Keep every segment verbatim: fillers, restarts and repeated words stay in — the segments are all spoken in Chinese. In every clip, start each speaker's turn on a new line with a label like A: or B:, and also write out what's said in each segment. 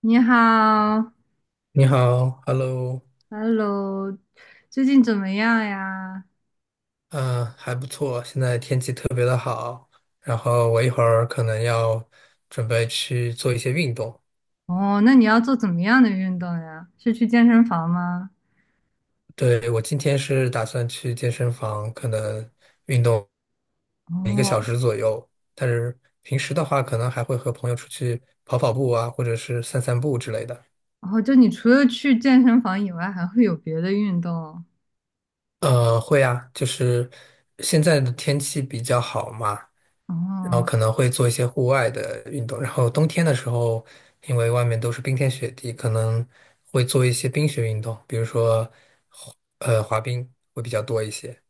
A: 你好
B: 你好，Hello。
A: ，Hello，最近怎么样呀？
B: 嗯，还不错，现在天气特别的好，然后我一会儿可能要准备去做一些运动。
A: 哦，那你要做怎么样的运动呀？是去健身房吗？
B: 对，我今天是打算去健身房，可能运动。
A: 哦，
B: 但是平时的话，可能还会和朋友出去跑跑步啊，或者是散散步之类的。
A: 哦，就你除了去健身房以外，还会有别的运动？
B: 呃，会啊，就是现在的天气比较好嘛，然后
A: 哦，
B: 可能会做一些户外的运动。然后冬天的时候，因为外面都是冰天雪地，可能会做一些冰雪运动，比如说滑呃滑冰会比较多一些。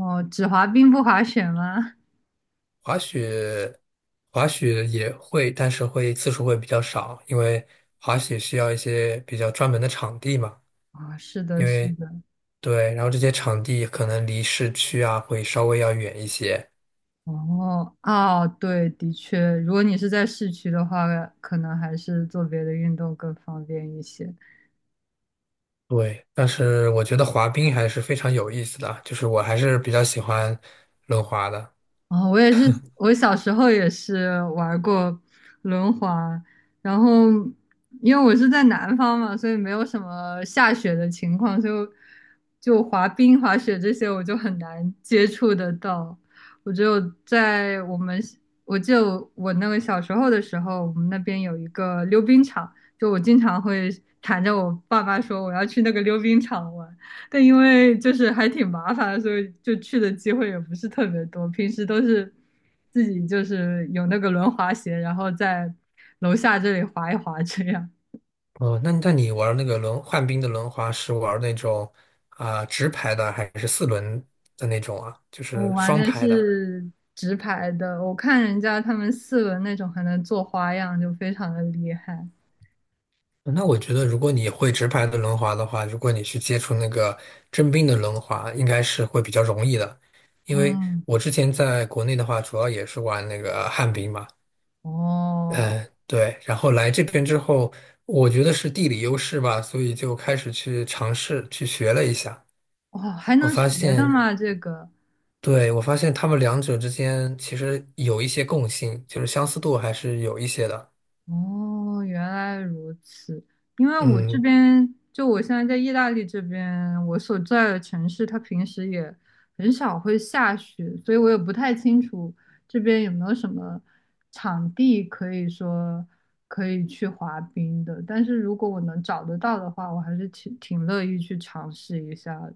A: 哦，只滑冰不滑雪吗？
B: 滑雪滑雪也会，但是会次数会比较少，因为滑雪需要一些比较专门的场地嘛。
A: 啊、是的，
B: 因
A: 是
B: 为
A: 的。
B: 对，然后这些场地可能离市区啊会稍微要远一些。
A: 哦，哦，对，的确，如果你是在市区的话，可能还是做别的运动更方便一些。
B: 对，但是我觉得滑冰还是非常有意思的啊，就是我还是比较喜欢轮滑的。
A: 哦，我也是，我小时候也是玩过轮滑，然后因为我是在南方嘛，所以没有什么下雪的情况，就就滑冰、滑雪这些我就很难接触得到。我就在我们，我记得我我那个小时候的时候，我们那边有一个溜冰场，就我经常会缠着我爸爸说我要去那个溜冰场玩。但因为就是还挺麻烦的，所以就去的机会也不是特别多。平时都是自己就是有那个轮滑鞋，然后在楼下这里滑一滑这样。
B: 哦，那那你玩那个轮旱冰的轮滑是玩那种啊、直排的还是四轮的那种啊？就
A: 我
B: 是
A: 玩
B: 双
A: 的
B: 排的。
A: 是直排的，我看人家他们四轮那种还能做花样，就非常的厉害。
B: 嗯那我觉得如果你会直排的轮滑的话，如果你去接触那个真冰的轮滑，应该是会比较容易的。因为
A: 嗯，
B: 我之前在国内的话，主要也是玩那个旱冰嘛。
A: 哦，
B: 嗯，对，然后来这边之后，我觉得是地理优势吧，所以就开始去尝试去学了一下。
A: 哦，还
B: 我
A: 能学
B: 发
A: 的
B: 现，
A: 吗？这个？
B: 对，我发现他们两者之间其实有一些共性，就是相似度还是有一些的。
A: 哦，原来如此。因为我这
B: 嗯，
A: 边，就我现在在意大利这边，我所在的城市，它平时也很少会下雪，所以我也不太清楚这边有没有什么场地可以说可以去滑冰的。但是如果我能找得到的话，我还是挺挺乐意去尝试一下的。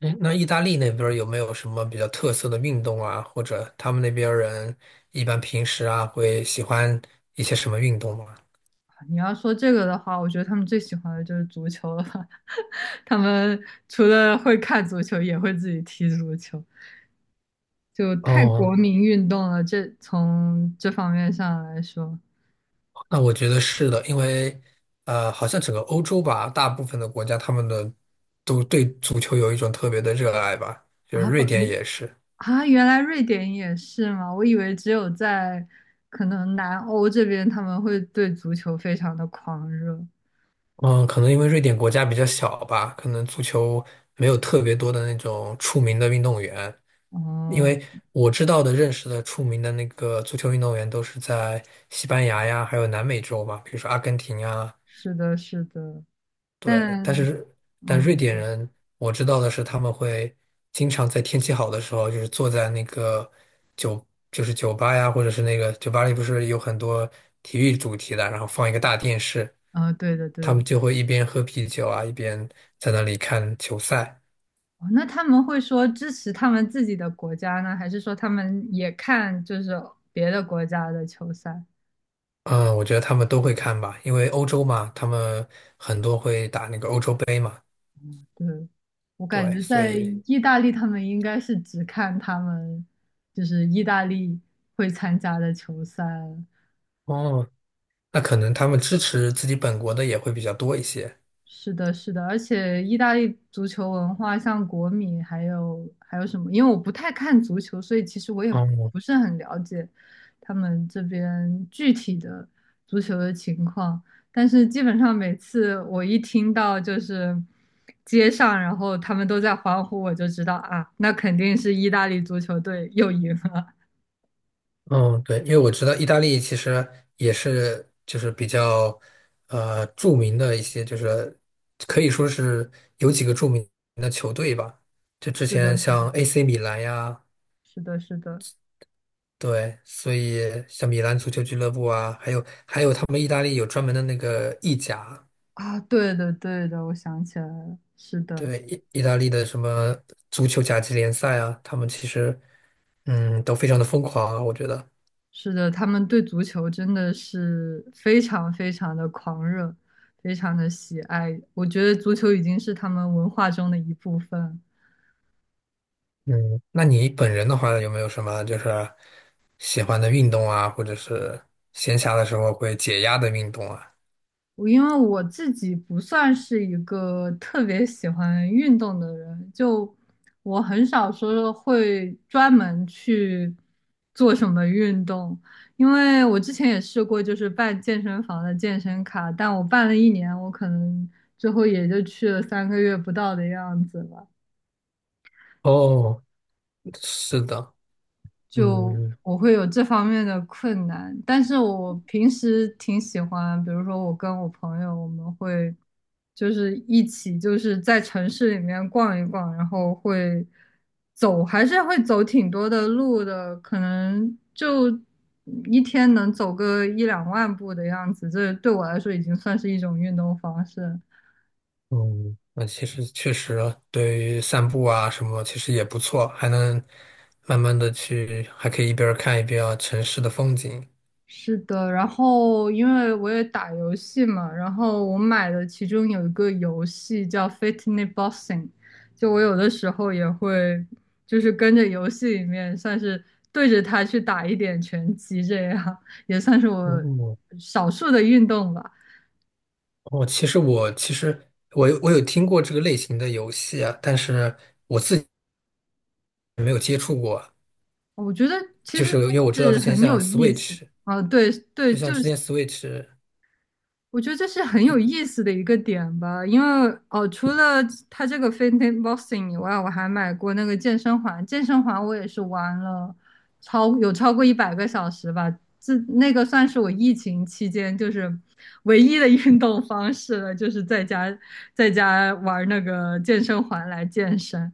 B: 诶那意大利那边儿有没有什么比较特色的运动啊，或者他们那边儿人一般平时啊会喜欢一些什么运动吗？
A: 你要说这个的话，我觉得他们最喜欢的就是足球了吧。 他们除了会看足球，也会自己踢足球。就太
B: 哦。
A: 国民运动了。这从这方面上来说
B: 那我觉得是的，因为呃，好像整个欧洲吧，大部分的国家他们的都对足球有一种特别的热爱吧，就是
A: 啊，不，
B: 瑞典
A: 你
B: 也是。
A: 啊，原来瑞典也是吗？我以为只有在可能南欧这边他们会对足球非常的狂热。
B: 嗯，可能因为瑞典国家比较小吧，可能足球没有特别多的那种出名的运动员。因
A: 哦，
B: 为我知道的、认识的出名的那个足球运动员都是在西班牙呀，还有南美洲吧，比如说阿根廷啊。
A: 是的，是的，
B: 对，
A: 但
B: 但是但
A: 嗯，
B: 瑞
A: 你
B: 典
A: 说，
B: 人我知道的是，他们会经常在天气好的时候，就是坐在那个酒，就是酒吧呀，或者是那个酒吧里不是有很多体育主题的，然后放一个大电视。
A: 啊，对的，对
B: 他
A: 的。
B: 们就会一边喝啤酒啊，一边在那里看球赛。
A: 哦，那他们会说支持他们自己的国家呢，还是说他们也看就是别的国家的球赛？
B: 嗯，我觉得他们都会看吧，因为欧洲嘛，他们很多会打那个欧洲杯嘛。
A: 对，我感
B: 对，
A: 觉
B: 所
A: 在
B: 以
A: 意大利，他们应该是只看他们就是意大利会参加的球赛，
B: 哦，那可能他们支持自己本国的也会比较多一些。
A: 是的，是的，而且意大利足球文化，像国米还有还有什么？因为我不太看足球，所以其实我也
B: 哦，
A: 不是很了解他们这边具体的足球的情况。但是基本上每次我一听到就是街上，然后他们都在欢呼，我就知道啊，那肯定是意大利足球队又赢了。
B: 嗯，对，因为我知道意大利其实也是就是比较呃著名的一些，就是可以说是有几个著名的球队吧。就之
A: 是
B: 前
A: 的，是的，
B: 像 A C 米兰呀。
A: 是的，是的。
B: 对，所以像米兰足球俱乐部啊，还有还有他们意大利有专门的那个意甲。
A: 啊，对的，对的，我想起来了，是的。
B: 对，意意大利的什么足球甲级联赛啊，他们其实嗯都非常的疯狂啊，我觉得。
A: 是的，他们对足球真的是非常非常的狂热，非常的喜爱。我觉得足球已经是他们文化中的一部分。
B: 嗯，那你本人的话，有没有什么就是喜欢的运动啊，或者是闲暇的时候会解压的运动啊？
A: 我因为我自己不算是一个特别喜欢运动的人，就我很少说会专门去做什么运动，因为我之前也试过，就是办健身房的健身卡，但我办了一年，我可能最后也就去了三个月不到的样子吧。
B: 哦，是的，
A: 就
B: 嗯
A: 我会有这方面的困难。但是我平时挺喜欢，比如说我跟我朋友，我们会就是一起就是在城市里面逛一逛，然后会走，还是会走挺多的路的，可能就一天能走个一两万步的样子。这对我来说已经算是一种运动方式。
B: 嗯。那其实确实对于散步啊什么，其实也不错，还能慢慢的去，还可以一边儿看一边儿城市的风景。
A: 是的，然后因为我也打游戏嘛，然后我买的其中有一个游戏叫《Fitness Boxing》，就我有的时候也会就是跟着游戏里面算是对着它去打一点拳击，这样也算是我
B: 哦，
A: 少数的运动吧。
B: 哦，其实我其实我有我有听过这个类型的游戏啊，但是我自己没有接触过，
A: 我觉得其
B: 就
A: 实
B: 是因为我
A: 这
B: 知道之
A: 是
B: 前
A: 很
B: 像
A: 有意思
B: Switch。
A: 啊，对
B: 就
A: 对，就
B: 像之
A: 是
B: 前 Switch，
A: 我觉得这是很有意思的一个点吧，因为哦，除了它这个 Fitness Boxing 以外，我还买过那个健身环，健身环我也是玩了超有超过一百个小时吧，这那个算是我疫情期间就是唯一的运动方式了，就是在家在家玩那个健身环来健身。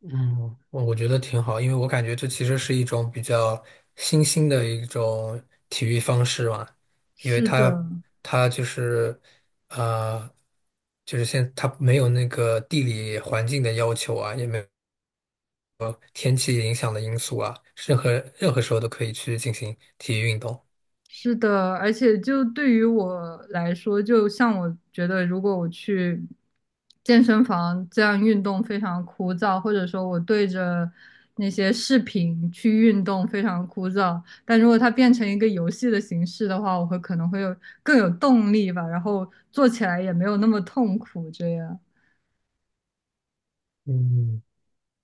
B: 嗯我我觉得挺好，因为我感觉这其实是一种比较新兴的一种体育方式嘛。因为
A: 是
B: 它
A: 的，
B: 它就是呃，就是现它没有那个地理环境的要求啊，也没有天气影响的因素啊，任何任何时候都可以去进行体育运动。
A: 是的，而且就对于我来说，就像我觉得，如果我去健身房这样运动非常枯燥，或者说我对着那些视频去运动非常枯燥，但如果它变成一个游戏的形式的话，我会可能会有更有动力吧，然后做起来也没有那么痛苦。这样，
B: 嗯。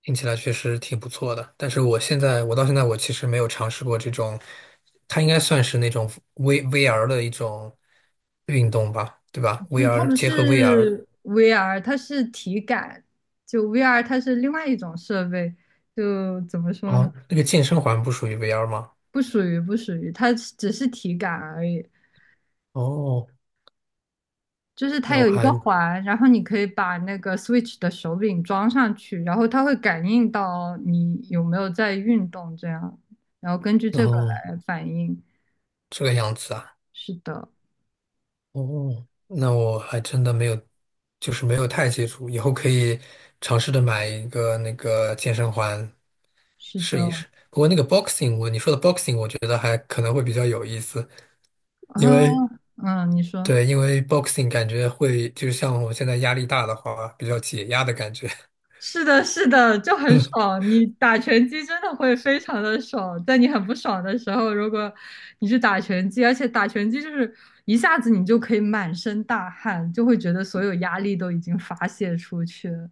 B: 听起来确实挺不错的，但是我现在，我到现在我其实没有尝试过这种，它应该算是那种 V VR 的一种运动吧，对吧
A: 就是它
B: ？VR
A: 不
B: 结合 VR。
A: 是 V R，它是体感，就 V R 它是另外一种设备，就怎么说呢？
B: 哦，那个健身环不属于 V R 吗？
A: 不属于不属于，它只是体感而已。
B: 哦，
A: 就是它
B: 那我
A: 有一个
B: 还，
A: 环，然后你可以把那个 Switch 的手柄装上去，然后它会感应到你有没有在运动这样，然后根据这个
B: 哦，
A: 来反应。
B: 这个样子啊。
A: 是的，
B: 哦，那我还真的没有，就是没有太接触，以后可以尝试着买一个那个健身环
A: 是的，
B: 试一试。不过那个 boxing，我你说的 boxing，我觉得还可能会比较有意思。
A: 啊，
B: 因为
A: 嗯，你说。
B: 对，因为 boxing 感觉会，就像我现在压力大的话，比较解压的感觉。
A: 是的，是的，就很爽。你打拳击真的会非常的爽，在你很不爽的时候，如果你去打拳击，而且打拳击就是一下子你就可以满身大汗，就会觉得所有压力都已经发泄出去了。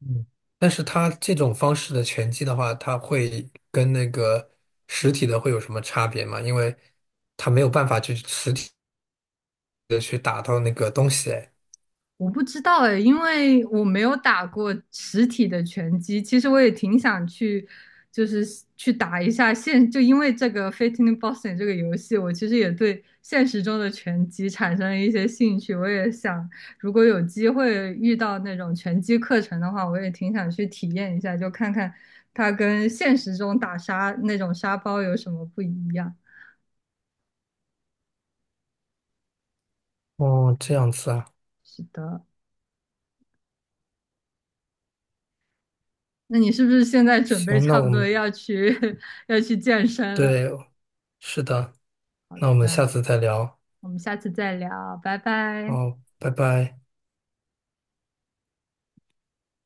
B: 嗯，但是它这种方式的拳击的话，它会跟那个实体的会有什么差别吗？因为它没有办法去实体的去打到那个东西。哎
A: 我不知道哎，因为我没有打过实体的拳击。其实我也挺想去，就是去打一下现。就因为这个《Fitting Boxing s》这个游戏，我其实也对现实中的拳击产生了一些兴趣。我也想，如果有机会遇到那种拳击课程的话，我也挺想去体验一下，就看看它跟现实中打沙那种沙包有什么不一样。
B: 哦，这样子啊。
A: 是的，那你是不是现在准备
B: 行，那
A: 差不
B: 我
A: 多
B: 们，
A: 要去 要去健身了？
B: 对，是的，那我们下
A: 嗯。
B: 次再聊。
A: 我们下次再聊，拜拜。
B: 好，拜拜。